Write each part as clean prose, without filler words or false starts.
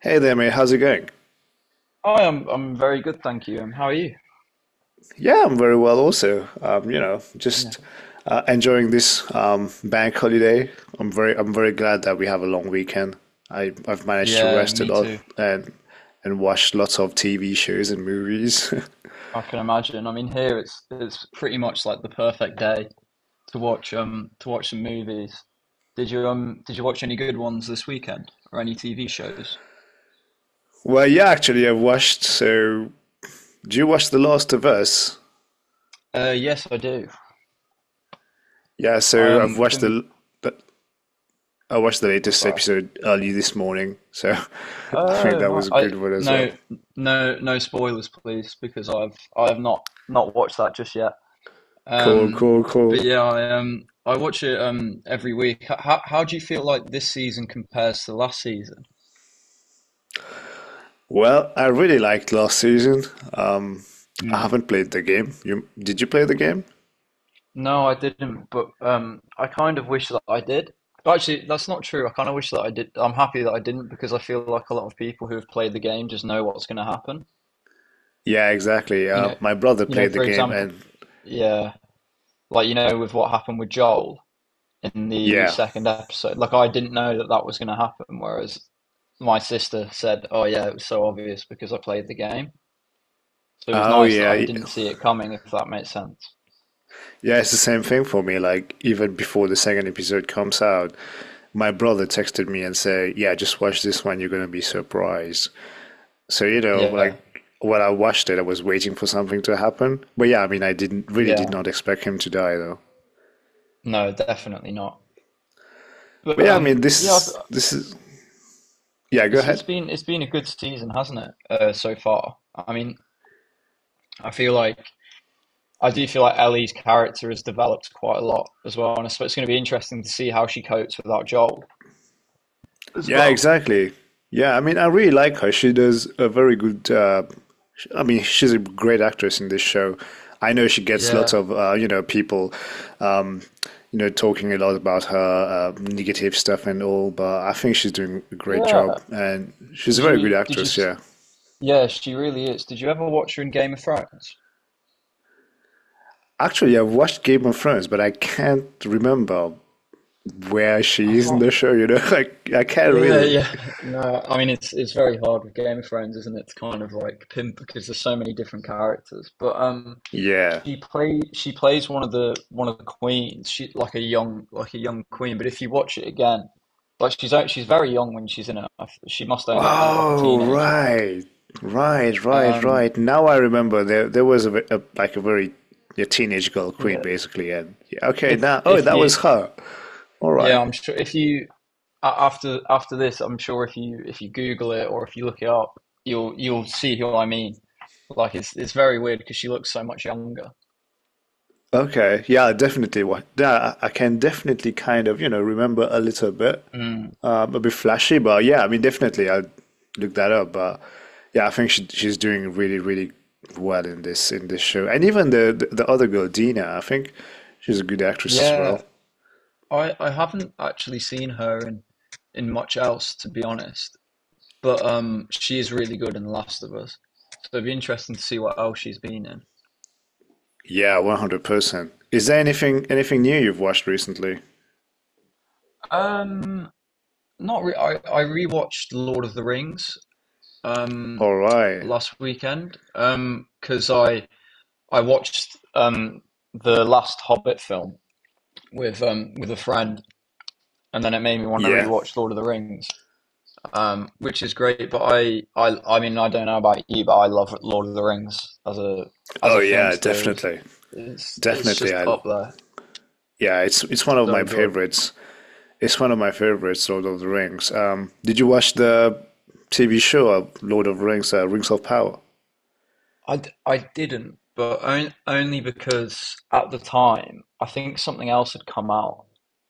Hey there, mate. How's it going? Hi, I'm very good, thank you. How are you? Yeah, I'm very well also. Yeah. Just enjoying this bank holiday. I'm very glad that we have a long weekend. I've managed to Yeah, rest a me lot too. and watch lots of TV shows and movies. I can imagine. I mean, here it's pretty much like the perfect day to watch to watch some movies. Did you did you watch any good ones this weekend or any TV shows? Well, yeah, actually, I've watched. So, do you watch The Last of Us? Yes, I do. Yeah, I so been the- I watched the Oh, latest sorry. episode early this morning. So, I think Oh that no, was a I good one as well. no no no spoilers, please, because I have not watched that just yet. Cool, Um, cool, cool. but yeah, I watch it every week. How do you feel like this season compares to last season? Well, I really liked last season. Um, I Mm. haven't played the game. You Did you play the game? No, I didn't, but I kind of wish that I did. Actually, that's not true. I kind of wish that I did. I'm happy that I didn't because I feel like a lot of people who have played the game just know what's going to happen. Yeah, exactly. You know, My brother you know, played the for game, example, and yeah, like with what happened with Joel in the yeah. second episode. Like I didn't know that that was going to happen, whereas my sister said, "Oh yeah, it was so obvious because I played the game." So it was Oh nice that yeah, I y- didn't see it coming, if that makes sense. yeah. It's the same thing for me. Like even before the second episode comes out, my brother texted me and said, "Yeah, just watch this one. You're gonna be surprised." So you know, Yeah, like when I watched it, I was waiting for something to happen. But yeah, I mean, I didn't really did yeah, not expect him to die though. no, definitely not. But But yeah, I mean, um, this yeah, is this is yeah. Go it's it's ahead. been it's been a good season, hasn't it? So far, I mean, I feel like I do feel like Ellie's character has developed quite a lot as well, and I suppose it's going to be interesting to see how she copes without Joel as Yeah, well. exactly. Yeah, I mean, I really like her. She does a very good. I mean, she's a great actress in this show. I know she gets lots Yeah, of people, um, talking a lot about her negative stuff and all, but I think she's doing a great job, yeah. and she's a very good Did you actress. Yeah. Yeah, she really is. Did you ever watch her in Game of Thrones? Actually, I've watched Game of Thrones, but I can't remember where I she is in can't. the show. You know, like I can't Yeah, really. yeah. No, I mean it's very hard with Game of Thrones, isn't it? To kind of like pin because there's so many different characters. But Yeah. She plays one of the queens. She like a young queen. But if you watch it again, she's very young when she's in it. She must only be like a Oh, teenager. right. Right, right, Um, right. Now I remember there was a, a like a very a teenage girl queen yeah. basically and yeah, okay, now oh, If that was you her. All yeah, right. I'm sure if you after this, I'm sure if you Google it or if you look it up, you'll see who I mean. Like it's very weird because she looks so much younger. Okay. Yeah, definitely what. Yeah, I can definitely kind of, you know, remember a little bit. Mm. A bit flashy, but yeah, I mean definitely I'll look that up, but yeah, I think she's doing really well in this show. And even the other girl, Dina, I think she's a good actress as Yeah, well. I haven't actually seen her in much else to be honest, but she is really good in The Last of Us. So it'd be interesting to see what else she's been in. Yeah, 100%. Is there anything new you've watched recently? Um, not re I rewatched Lord of the Rings um All right. last weekend because I. I watched the last Hobbit film with a friend, and then it made me want to Yeah. rewatch Lord of the Rings, which is great. But I mean, I don't know about you, but I love Lord of the Rings as a Oh film yeah, series. definitely. It's Definitely just I up there, yeah, it's one of my so good. favorites. It's one of my favorites, Lord of the Rings. Did you watch the TV show Lord of the Rings, Rings of Power? I didn't, but only because at the time I think something else had come out,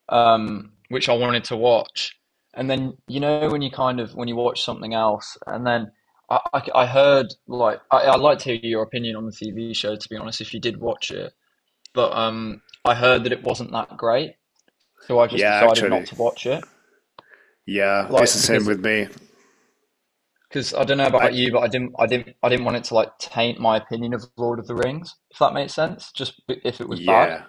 which I wanted to watch. And then you know when you watch something else, and then I heard like I'd like to hear your opinion on the TV show to be honest, if you did watch it. But I heard that it wasn't that great, so I just Yeah, decided not actually. to watch it, Yeah, it's the like same with me. because I don't know I about you, but I didn't want it to like taint my opinion of Lord of the Rings, if that makes sense. Just if it was bad, yeah.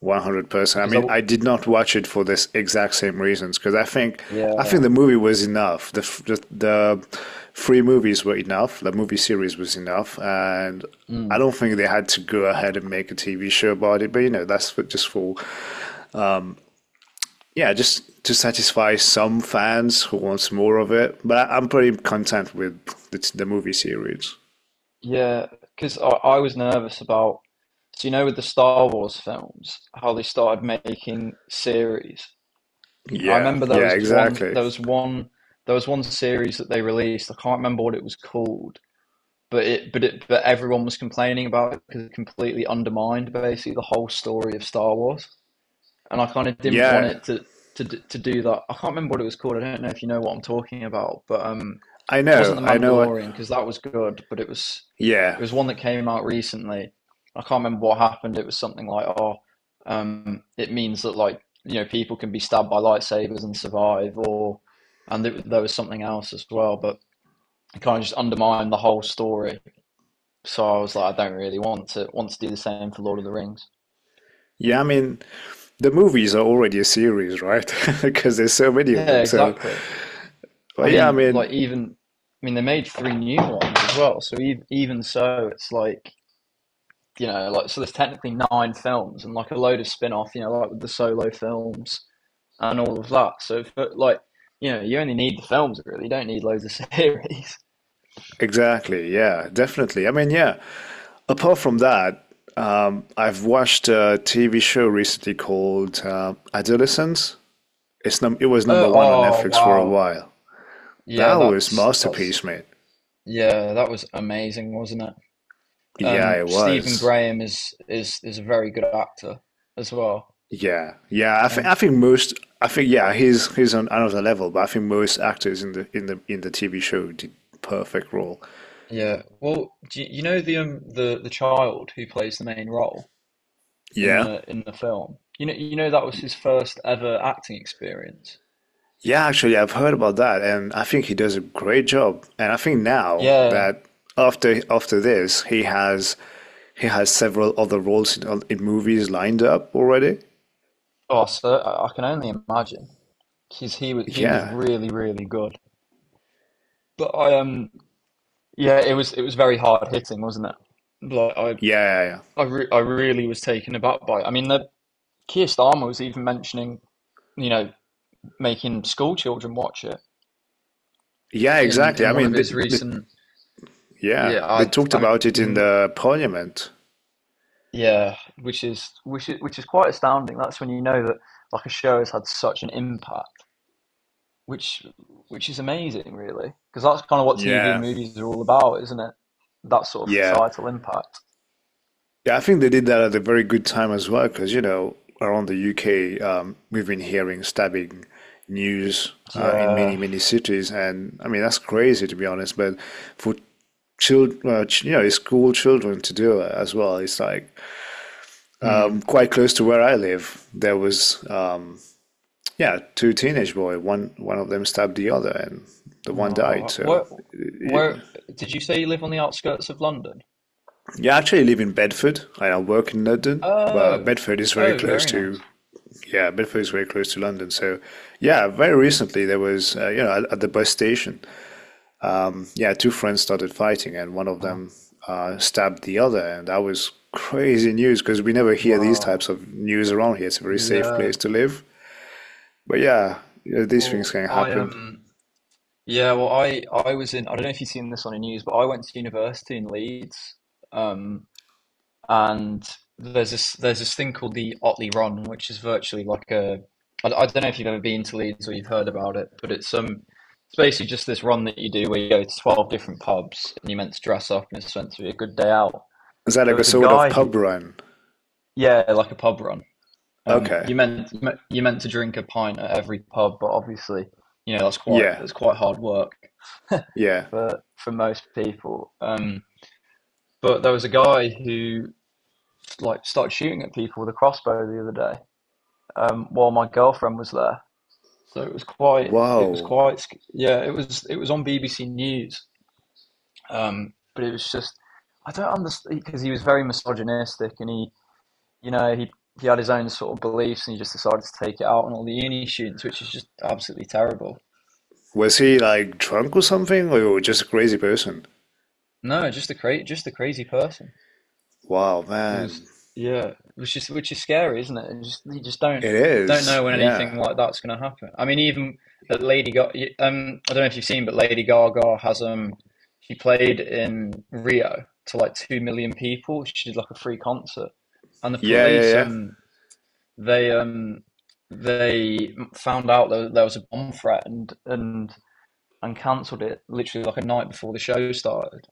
100%. I because I, mean, w- I did not watch it for this exact same reasons because I think yeah, the movie was enough. The three movies were enough. The movie series was enough, and I mm, don't think they had to go ahead and make a TV show about it. But you know, that's just for yeah, just to satisfy some fans who wants more of it. But I'm pretty content with the movie series. yeah, because I was nervous about, so you know, with the Star Wars films, how they started making series. And I Yeah, remember yeah, exactly. There was one series that they released. I can't remember what it was called, but everyone was complaining about it because it completely undermined basically the whole story of Star Wars. And I kind of didn't want Yeah, it to to do that. I can't remember what it was called. I don't know if you know what I'm talking about, but it wasn't the I know what. Mandalorian because that was good, but it Yeah, was one that came out recently. I can't remember what happened. It was something like, it means that like you know people can be stabbed by lightsabers and survive, or and there was something else as well, but it kind of just undermined the whole story. So I was like, I don't really want to do the same for Lord of the Rings. yeah, I mean, the movies are already a series, right? Because there's so many of Yeah, them. So, exactly. I but yeah, I mean, like mean, even I mean they made three new ones as well. So even so, it's like you know, like so there's technically nine films and like a load of spin-off, you know, like with the solo films and all of that. So but, like you know, you only need the films really. You don't need loads of series. exactly. Yeah, definitely. I mean, yeah. Apart from that, I've watched a TV show recently called Adolescence. It was number one on Oh Netflix for a wow, while. yeah, That was that's that's masterpiece, mate. yeah, that was amazing, wasn't it? Yeah, it Stephen was. Graham is a very good actor as well. Yeah, yeah. I Um, think most. I think yeah, he's on another level, but I think most actors in the TV show did perfect role. Yeah. Well, you know the child who plays the main role Yeah. In the film? You know that was his first ever acting experience. Yeah, actually, I've heard about that, and I think he does a great job. And I think now Yeah. that after this, he has several other roles in movies lined up already. Oh, so I can only imagine because he was Yeah, really really good. But I yeah, it was very hard hitting, wasn't it? Yeah, yeah, yeah. I re I really was taken aback by it. I mean, the Keir Starmer was even mentioning you know making school children watch it Yeah, in exactly. I one of mean, his recent yeah, yeah they talked I mean, about it you in can the parliament. Yeah, which is quite astounding. That's when you know that like a show has had such an impact, which which is amazing, really, because that's kind of what TV and Yeah, movies are all about, isn't it? That sort of yeah. societal impact. Yeah, I think they did that at a very good time as well, because you know, around the UK, we've been hearing stabbing news in many, Yeah. many cities, and I mean that's crazy to be honest. But for children, you know, school children to do it as well, it's like Hmm. Quite close to where I live. There was, yeah, two teenage boy. One of them stabbed the other, and the one died. Oh, So, where did you say you live on the outskirts of London? yeah, I actually live in Bedford. I work in London, but Oh, Bedford is very oh, close very nice. to, yeah, Bedford is very close to London. So, yeah, very recently there was, you know, at the bus station, yeah, two friends started fighting, and one of Oh, them stabbed the other, and that was crazy news because we never hear these wow. types of news around here. It's a very safe place Yeah. to live, but yeah, you know, these things Well, can I happen. am. Yeah, well, I was in. I don't know if you've seen this on the news, but I went to university in Leeds, um, and there's this thing called the Otley Ron, which is virtually like a. I don't know if you've ever been to Leeds or you've heard about it, but it's basically just this run that you do where you go to 12 different pubs and you're meant to dress up and it's meant to be a good day out. Is that There like a was a sort of guy who, pub run? yeah, like a pub run. Um, Okay, you meant you meant to drink a pint at every pub, but obviously, you know, yeah, that's quite hard work yeah. For most people. But there was a guy who like started shooting at people with a crossbow the other day, while my girlfriend was there. So it was Wow. quite yeah, it was on BBC News. But it was just I don't understand because he was very misogynistic and he you know he had his own sort of beliefs and he just decided to take it out on all the uni students, which is just absolutely terrible. Was he like drunk or something, or just a crazy person? No, just a just a crazy person. Wow, It was man. yeah, which is scary, isn't it? And just you just It don't is. know when Yeah. anything like that's going to happen. I mean, even at Lady Gaga, I don't know if you've seen, but Lady Gaga has she played in Rio to like 2 million people. She did like a free concert, and the Yeah, yeah, police yeah. They um they found out that there was a bomb threat and cancelled it literally like a night before the show started.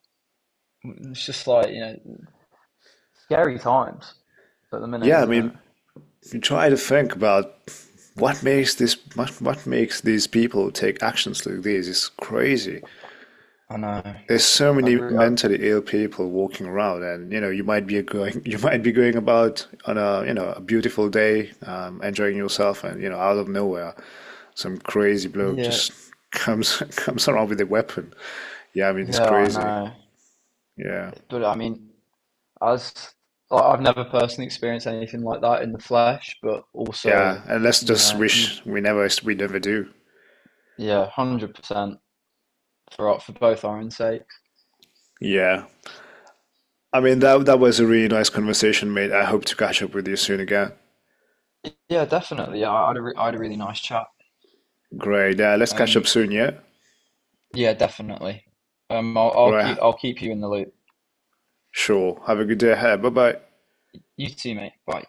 It's just like you know scary times at the minute, Yeah, I isn't it? mean, you try to think about what makes these people take actions like this. It's crazy. I know. I There's so many agree. Mentally ill people walking around, and you know, you might be going you might be going about on a, you know, a beautiful day, enjoying yourself, and you know, out of nowhere some crazy bloke Yeah, just comes comes around with a weapon. Yeah, I mean, it's yeah, I crazy. know. Yeah. But I mean, as like, I've never personally experienced anything like that in the flesh, but also, Yeah, and let's you just know, you, wish we never do. yeah, 100% for both our own sakes. Yeah, I mean, that was a really nice conversation, mate. I hope to catch up with you soon again. Yeah, definitely. Yeah, I had a really nice chat. Great. Yeah, let's catch up Um, soon. Yeah, yeah, definitely. Um, all right. I'll keep you in the loop. Sure, have a good day ahead. Bye bye. You too, mate. Bye.